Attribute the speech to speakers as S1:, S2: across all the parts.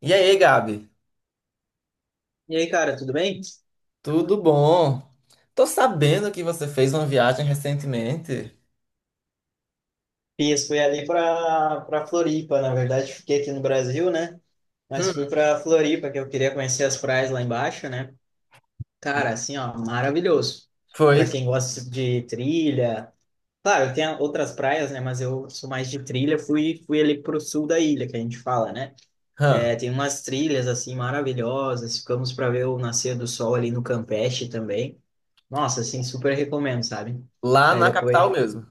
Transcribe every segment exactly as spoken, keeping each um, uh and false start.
S1: E aí, Gabi?
S2: E aí, cara, tudo bem?
S1: Tudo bom? Tô sabendo que você fez uma viagem recentemente.
S2: Fiz, fui ali para para Floripa, na verdade, fiquei aqui no Brasil, né? Mas
S1: Hum,
S2: fui para Floripa, que eu queria conhecer as praias lá embaixo, né? Cara, assim, ó, maravilhoso. Para
S1: foi?
S2: quem gosta de trilha. Claro, tem outras praias, né, mas eu sou mais de trilha, fui fui ali pro sul da ilha, que a gente fala, né?
S1: Hã.
S2: É, tem umas trilhas assim maravilhosas, ficamos para ver o nascer do sol ali no Campeche também. Nossa, assim, super recomendo, sabe?
S1: Lá
S2: Aí
S1: na capital
S2: depois.
S1: mesmo.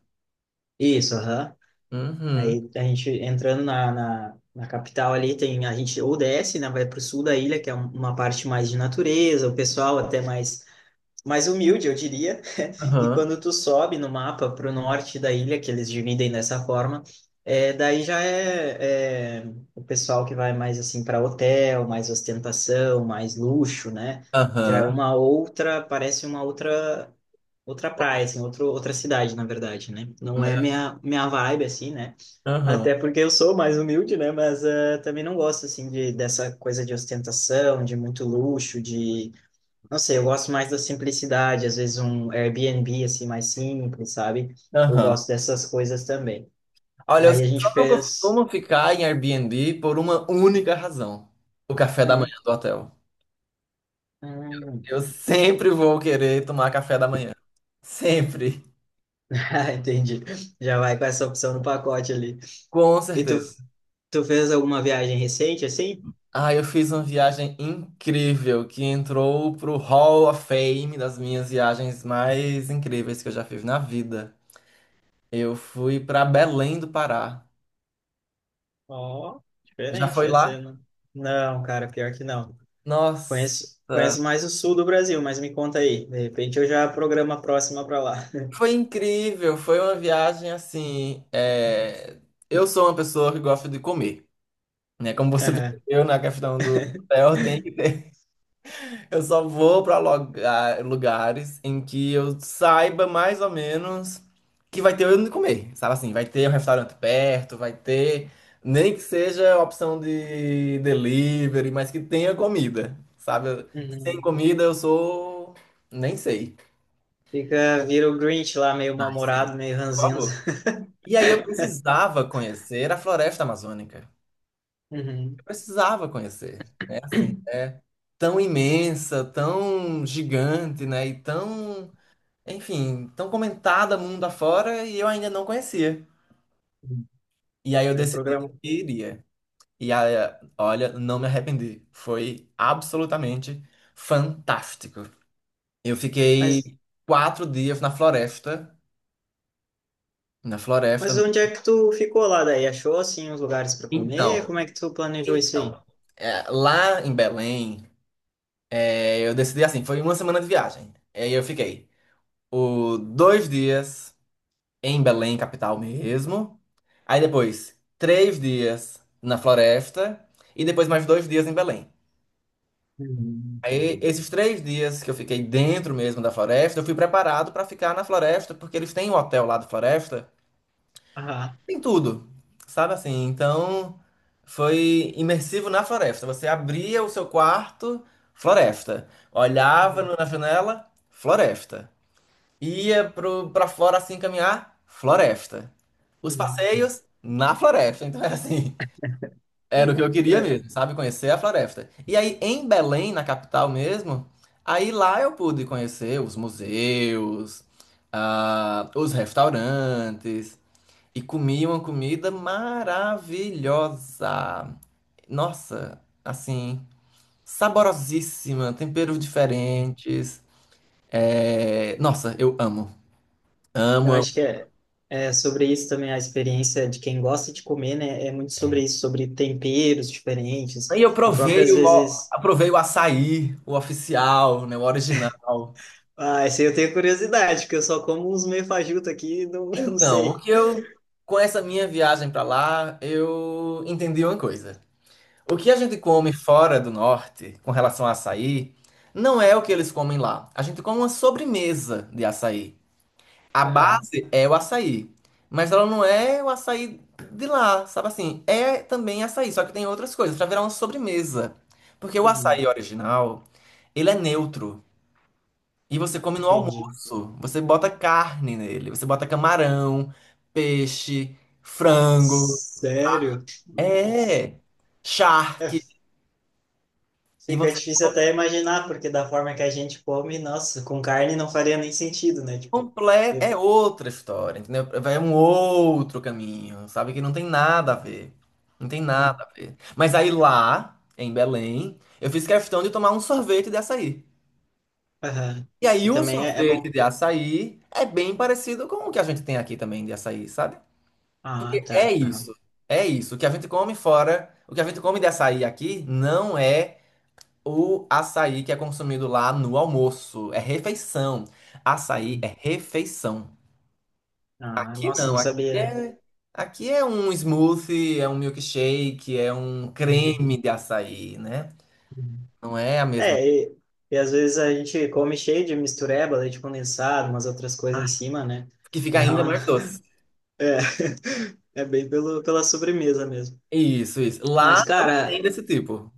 S2: Isso, aham.
S1: Uhum.
S2: Aí a gente entrando na, na, na capital ali, tem, a gente ou desce, né, vai para o sul da ilha, que é um- uma parte mais de natureza, o pessoal até mais, mais humilde, eu diria. E
S1: Aham.
S2: quando tu sobe no mapa para o norte da ilha, que eles dividem dessa forma, é, daí já é, é o pessoal que vai mais assim para hotel, mais ostentação, mais luxo, né? Já é
S1: Aham.
S2: uma outra, parece uma outra outra praia, assim, outro, outra cidade, na verdade, né? Não é minha, minha vibe, assim, né?
S1: Aham.
S2: Até porque eu sou mais humilde, né? Mas eh, também não gosto, assim, de, dessa coisa de ostentação, de muito luxo, de... Não sei, eu gosto mais da simplicidade. Às vezes um Airbnb, assim, mais simples, sabe? Eu
S1: Aham.
S2: gosto dessas coisas também.
S1: Olha, eu só
S2: Aí a gente
S1: não
S2: fez...
S1: costumo ficar em Airbnb por uma única razão: o café da
S2: Hum,
S1: manhã do hotel.
S2: hum.
S1: Eu sempre vou querer tomar café da manhã. Sempre.
S2: Ah, entendi. Já vai com essa opção no pacote ali.
S1: Com
S2: E tu,
S1: certeza.
S2: tu fez alguma viagem recente, assim?
S1: Ah, eu fiz uma viagem incrível que entrou pro Hall of Fame das minhas viagens mais incríveis que eu já fiz na vida. Eu fui pra Belém do Pará.
S2: Ó,
S1: Já
S2: diferente
S1: foi
S2: essa,
S1: lá?
S2: né? Não, cara, pior que não.
S1: Nossa,
S2: Conheço, conheço mais o sul do Brasil, mas me conta aí. De repente eu já programo a próxima para lá.
S1: foi incrível. Foi uma viagem assim. é, Eu sou uma pessoa que gosta de comer, né? Como você
S2: Aham.
S1: percebeu na questão do hotel, tem que... Eu só vou pra loga- lugares em que eu saiba mais ou menos que vai ter onde comer. Sabe, assim, vai ter um restaurante perto, vai ter, nem que seja a opção de delivery, mas que tenha comida. Sabe? Sem
S2: Uhum.
S1: comida eu sou. Nem sei.
S2: Fica, vira o Grinch lá, meio
S1: Ah, sei.
S2: mal-humorado, meio
S1: Por
S2: ranzinza.
S1: favor. E aí eu precisava conhecer a floresta amazônica. Eu
S2: Uhum.
S1: precisava conhecer, né? Assim, é tão imensa, tão gigante, né? E tão, enfim, tão comentada mundo afora e eu ainda não conhecia.
S2: Uhum.
S1: E aí eu
S2: Aí
S1: decidi que
S2: programa.
S1: iria. E aí, olha, não me arrependi. Foi absolutamente fantástico. Eu
S2: Mas,
S1: fiquei quatro dias na floresta. Na floresta.
S2: mas onde é que tu ficou lá daí? Achou, assim, os lugares para
S1: Então,
S2: comer? Como é que tu planejou isso aí?
S1: então, é, lá em Belém, é, eu decidi assim, foi uma semana de viagem. Aí eu fiquei o dois dias em Belém, capital mesmo. Aí depois, três dias na floresta e depois mais dois dias em Belém.
S2: Uhum,
S1: Aí,
S2: entendi.
S1: esses três dias que eu fiquei dentro mesmo da floresta, eu fui preparado para ficar na floresta, porque eles têm um hotel lá da floresta,
S2: Aham.
S1: tem tudo, sabe assim? Então, foi imersivo na floresta. Você abria o seu quarto, floresta. Olhava
S2: Uhum.
S1: no- na janela, floresta. Ia pro, pra fora assim caminhar, floresta. Os
S2: Uhum.
S1: passeios, na floresta. Então era assim, era o que eu queria
S2: É,
S1: mesmo, sabe? Conhecer a floresta. E aí em Belém, na capital mesmo, aí lá eu pude conhecer os museus, ah, os restaurantes e comi uma comida maravilhosa. Nossa, assim, saborosíssima, temperos diferentes. É. Nossa, eu amo.
S2: eu
S1: Amo.
S2: acho que é, é sobre isso também, a experiência de quem gosta de comer, né? É muito sobre isso, sobre temperos diferentes.
S1: Aí eu
S2: A própria,
S1: provei
S2: às
S1: o,
S2: vezes.
S1: Aprovei o açaí, o oficial, né, o original.
S2: Ah, esse aí eu tenho curiosidade, porque eu só como uns meio fajuto aqui, e não, não
S1: Então, o
S2: sei.
S1: que eu, com essa minha viagem para lá, eu entendi uma coisa. O que a gente come fora do norte, com relação a açaí, não é o que eles comem lá. A gente come uma sobremesa de açaí. A
S2: Aham.
S1: base é o açaí, mas ela não é o açaí de lá, sabe assim? É também açaí, só que tem outras coisas, para virar uma sobremesa. Porque o açaí
S2: Uhum.
S1: original, ele é neutro. E você come no
S2: Entendi.
S1: almoço. Você bota carne nele. Você bota camarão, peixe, frango.
S2: Sério? Nossa.
S1: É.
S2: É,
S1: Charque. E
S2: fica
S1: você
S2: difícil até imaginar, porque da forma que a gente come, nossa, com carne não faria nem sentido, né? Tipo,
S1: completa. É
S2: eu.
S1: outra história, entendeu? Vai um outro caminho, sabe? Que não tem nada a ver. Não tem nada
S2: Uhum.
S1: a ver. Mas aí lá, em Belém, eu fiz questão de tomar um sorvete de açaí.
S2: Aham.
S1: E aí
S2: Que
S1: o
S2: também é, é
S1: sorvete
S2: bom.
S1: de açaí é bem parecido com o que a gente tem aqui também de açaí, sabe?
S2: Ah,
S1: É
S2: tá. Aham.
S1: isso. É isso. O que a gente come fora, o que a gente come de açaí aqui não é o açaí que é consumido lá no almoço. É refeição. Açaí é refeição.
S2: Ah,
S1: Aqui
S2: nossa,
S1: não.
S2: não
S1: Aqui
S2: sabia.
S1: é, aqui é um smoothie, é um milkshake, é um
S2: Uhum,
S1: creme de açaí, né?
S2: uhum.
S1: Não é a mesma.
S2: É, e, e às vezes a gente come cheio de mistureba, leite condensado, umas outras coisas em
S1: Ai,
S2: cima, né?
S1: que fica
S2: Dá
S1: ainda
S2: uma-
S1: mais doce.
S2: É, é bem pelo, pela sobremesa mesmo.
S1: Isso, isso. Lá
S2: Mas,
S1: não
S2: cara,
S1: tem desse tipo.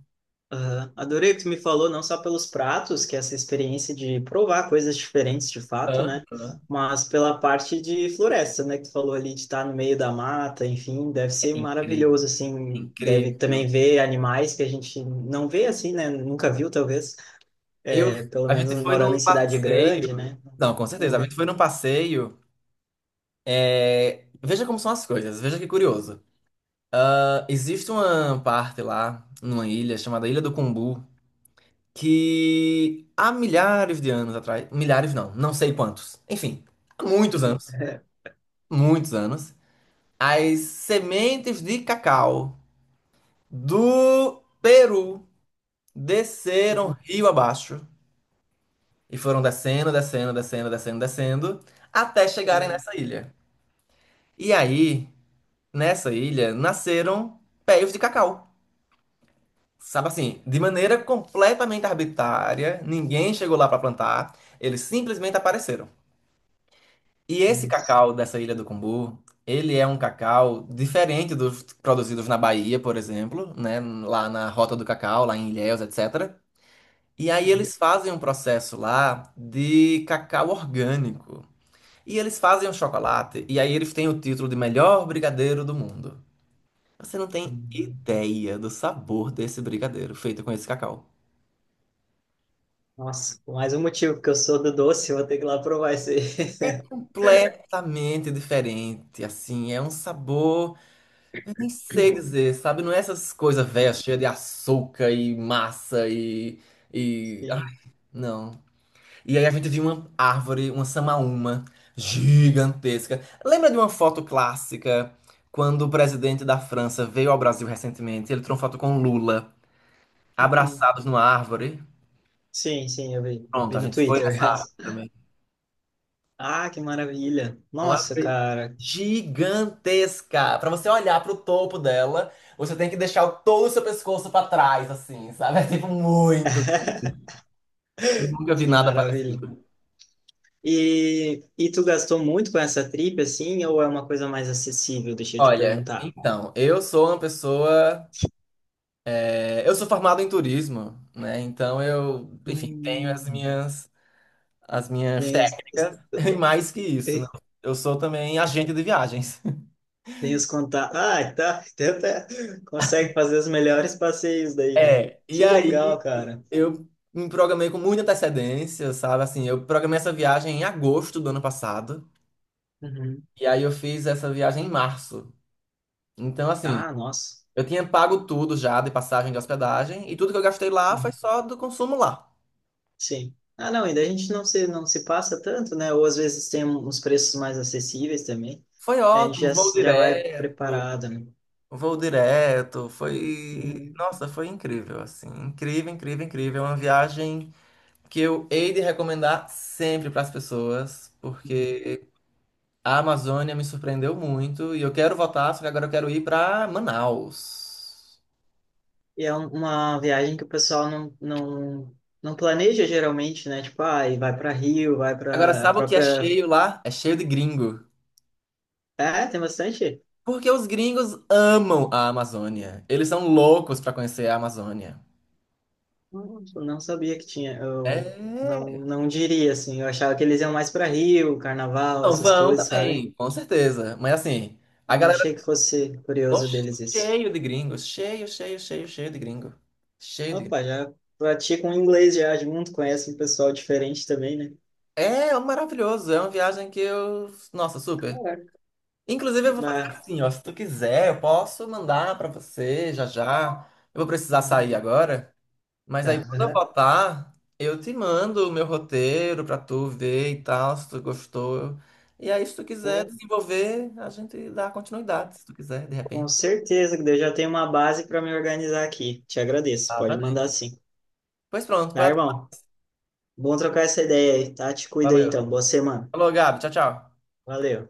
S2: ah, adorei o que tu me falou, não só pelos pratos, que é essa experiência de provar coisas diferentes de fato, né?
S1: Aham.
S2: Mas pela parte de floresta, né? Que tu falou ali de estar no meio da mata, enfim, deve ser
S1: É incrível,
S2: maravilhoso, assim. Deve
S1: incrível.
S2: também ver animais que a gente não vê assim, né? Nunca viu, talvez.
S1: Eu,
S2: É, pelo
S1: a
S2: menos
S1: gente foi
S2: morando em
S1: num
S2: cidade grande,
S1: passeio.
S2: né?
S1: Não, com
S2: Vamos
S1: certeza. A gente
S2: ver.
S1: foi num passeio. é, Veja como são as coisas. Veja que curioso. Ah, existe uma parte lá, numa ilha chamada Ilha do Cumbu, que há milhares de anos atrás, milhares não, não sei quantos. Enfim, há muitos anos, muitos anos, as sementes de cacau do Peru desceram rio abaixo e foram descendo, descendo, descendo, descendo, descendo até chegarem nessa ilha. E aí, nessa ilha, nasceram pés de cacau. Sabe assim, de maneira completamente arbitrária, ninguém chegou lá para plantar, eles simplesmente apareceram. E esse cacau dessa ilha do Cumbu, ele é um cacau diferente dos produzidos na Bahia, por exemplo, né, lá na Rota do Cacau, lá em Ilhéus, etcétera. E aí eles fazem um processo lá de cacau orgânico. E eles fazem o chocolate, e aí eles têm o título de melhor brigadeiro do mundo. Você não tem ideia do sabor desse brigadeiro feito com esse cacau.
S2: Nossa, mais um motivo, porque eu sou do doce, eu vou ter que ir lá provar esse.
S1: É completamente diferente, assim, é um sabor, eu nem sei dizer, sabe? Não é essas coisas velhas, cheias de açúcar e massa e, e... Ah,
S2: Sim.
S1: não. E aí a gente viu uma árvore, uma samaúma gigantesca. Lembra de uma foto clássica quando o presidente da França veio ao Brasil recentemente? Ele tirou uma foto com Lula,
S2: Uhum.
S1: abraçados numa árvore.
S2: Sim, sim, eu vi.
S1: Pronto,
S2: Vi
S1: a
S2: no
S1: gente foi
S2: Twitter.
S1: nessa árvore também.
S2: Ah, que maravilha.
S1: Uma
S2: Nossa,
S1: ave
S2: cara.
S1: gigantesca. Pra você olhar pro topo dela, você tem que deixar o- todo o seu pescoço pra trás, assim, sabe? É tipo muito. Eu nunca vi
S2: Que
S1: nada
S2: maravilha.
S1: parecido.
S2: E, e tu gastou muito com essa trip, assim, ou é uma coisa mais acessível? Deixa eu te
S1: Olha,
S2: perguntar.
S1: então, eu sou uma pessoa. É, eu sou formado em turismo, né? Então eu, enfim, tenho as
S2: Hum.
S1: minhas, as minhas
S2: Tem os- os-
S1: técnicas. E mais que isso, né? Eu sou também agente de viagens.
S2: Tem os contatos. Ah, tá. Tenta. Consegue fazer os melhores passeios daí, né?
S1: É, e
S2: Que legal,
S1: aí
S2: cara.
S1: eu me programei com muita antecedência, sabe? Assim, eu programei essa viagem em agosto do ano passado,
S2: Uhum.
S1: e aí eu fiz essa viagem em março. Então, assim,
S2: Ah, nossa.
S1: eu tinha pago tudo já de passagem de hospedagem, e tudo que eu gastei lá foi
S2: Uhum.
S1: só do consumo lá.
S2: Sim. Ah, não, ainda a gente não se, não se passa tanto, né? Ou às vezes tem um, uns preços mais acessíveis também.
S1: Foi
S2: E a gente
S1: ótimo,
S2: já,
S1: voo
S2: já vai
S1: direto,
S2: preparado, né?
S1: voo direto, foi...
S2: Uhum.
S1: Nossa, foi incrível, assim, incrível, incrível, incrível. É uma viagem que eu hei de recomendar sempre para as pessoas,
S2: Uhum.
S1: porque a Amazônia me surpreendeu muito e eu quero voltar, só que agora eu quero ir pra Manaus.
S2: E é um- uma viagem que o pessoal não, não, não planeja geralmente, né? Tipo, ah, e vai para Rio, vai
S1: Agora,
S2: para a
S1: sabe o que é
S2: própria.
S1: cheio lá? É cheio de gringo.
S2: É, tem bastante.
S1: Porque os gringos amam a Amazônia. Eles são loucos pra conhecer a Amazônia.
S2: Nossa, não sabia que tinha. Eu
S1: É.
S2: não, não diria assim. Eu achava que eles iam mais para Rio, Carnaval,
S1: Não,
S2: essas
S1: vão
S2: coisas, sabe?
S1: também, com certeza. Mas assim, a
S2: Mas não
S1: galera
S2: achei que fosse
S1: ficou
S2: curioso deles isso.
S1: cheio de gringos, cheio, cheio, cheio, cheio de gringo. Cheio de gringo.
S2: Opa, já praticam inglês já junto, conhece um pessoal diferente também, né?
S1: É maravilhoso, é uma viagem que eu, nossa, super.
S2: Caraca.
S1: Inclusive, eu vou fazer
S2: Bah,
S1: assim, ó. Se tu quiser, eu posso mandar pra você já já. Eu vou precisar
S2: uhum.
S1: sair agora. Mas
S2: Tá.
S1: aí, quando eu
S2: Aham.
S1: voltar, eu te mando o meu roteiro pra tu ver e tal, se tu gostou. E aí, se tu quiser
S2: Com
S1: desenvolver, a gente dá continuidade, se tu quiser, de
S2: com
S1: repente.
S2: certeza, que eu já tenho uma base para me organizar aqui. Te agradeço.
S1: Tá, tá
S2: Pode
S1: bem.
S2: mandar sim.
S1: Pois pronto,
S2: Tá,
S1: pode-
S2: irmão? Bom trocar essa ideia aí, tá? Te cuida aí
S1: valeu.
S2: então. Boa semana.
S1: Falou, Gabi. Tchau, tchau.
S2: Valeu.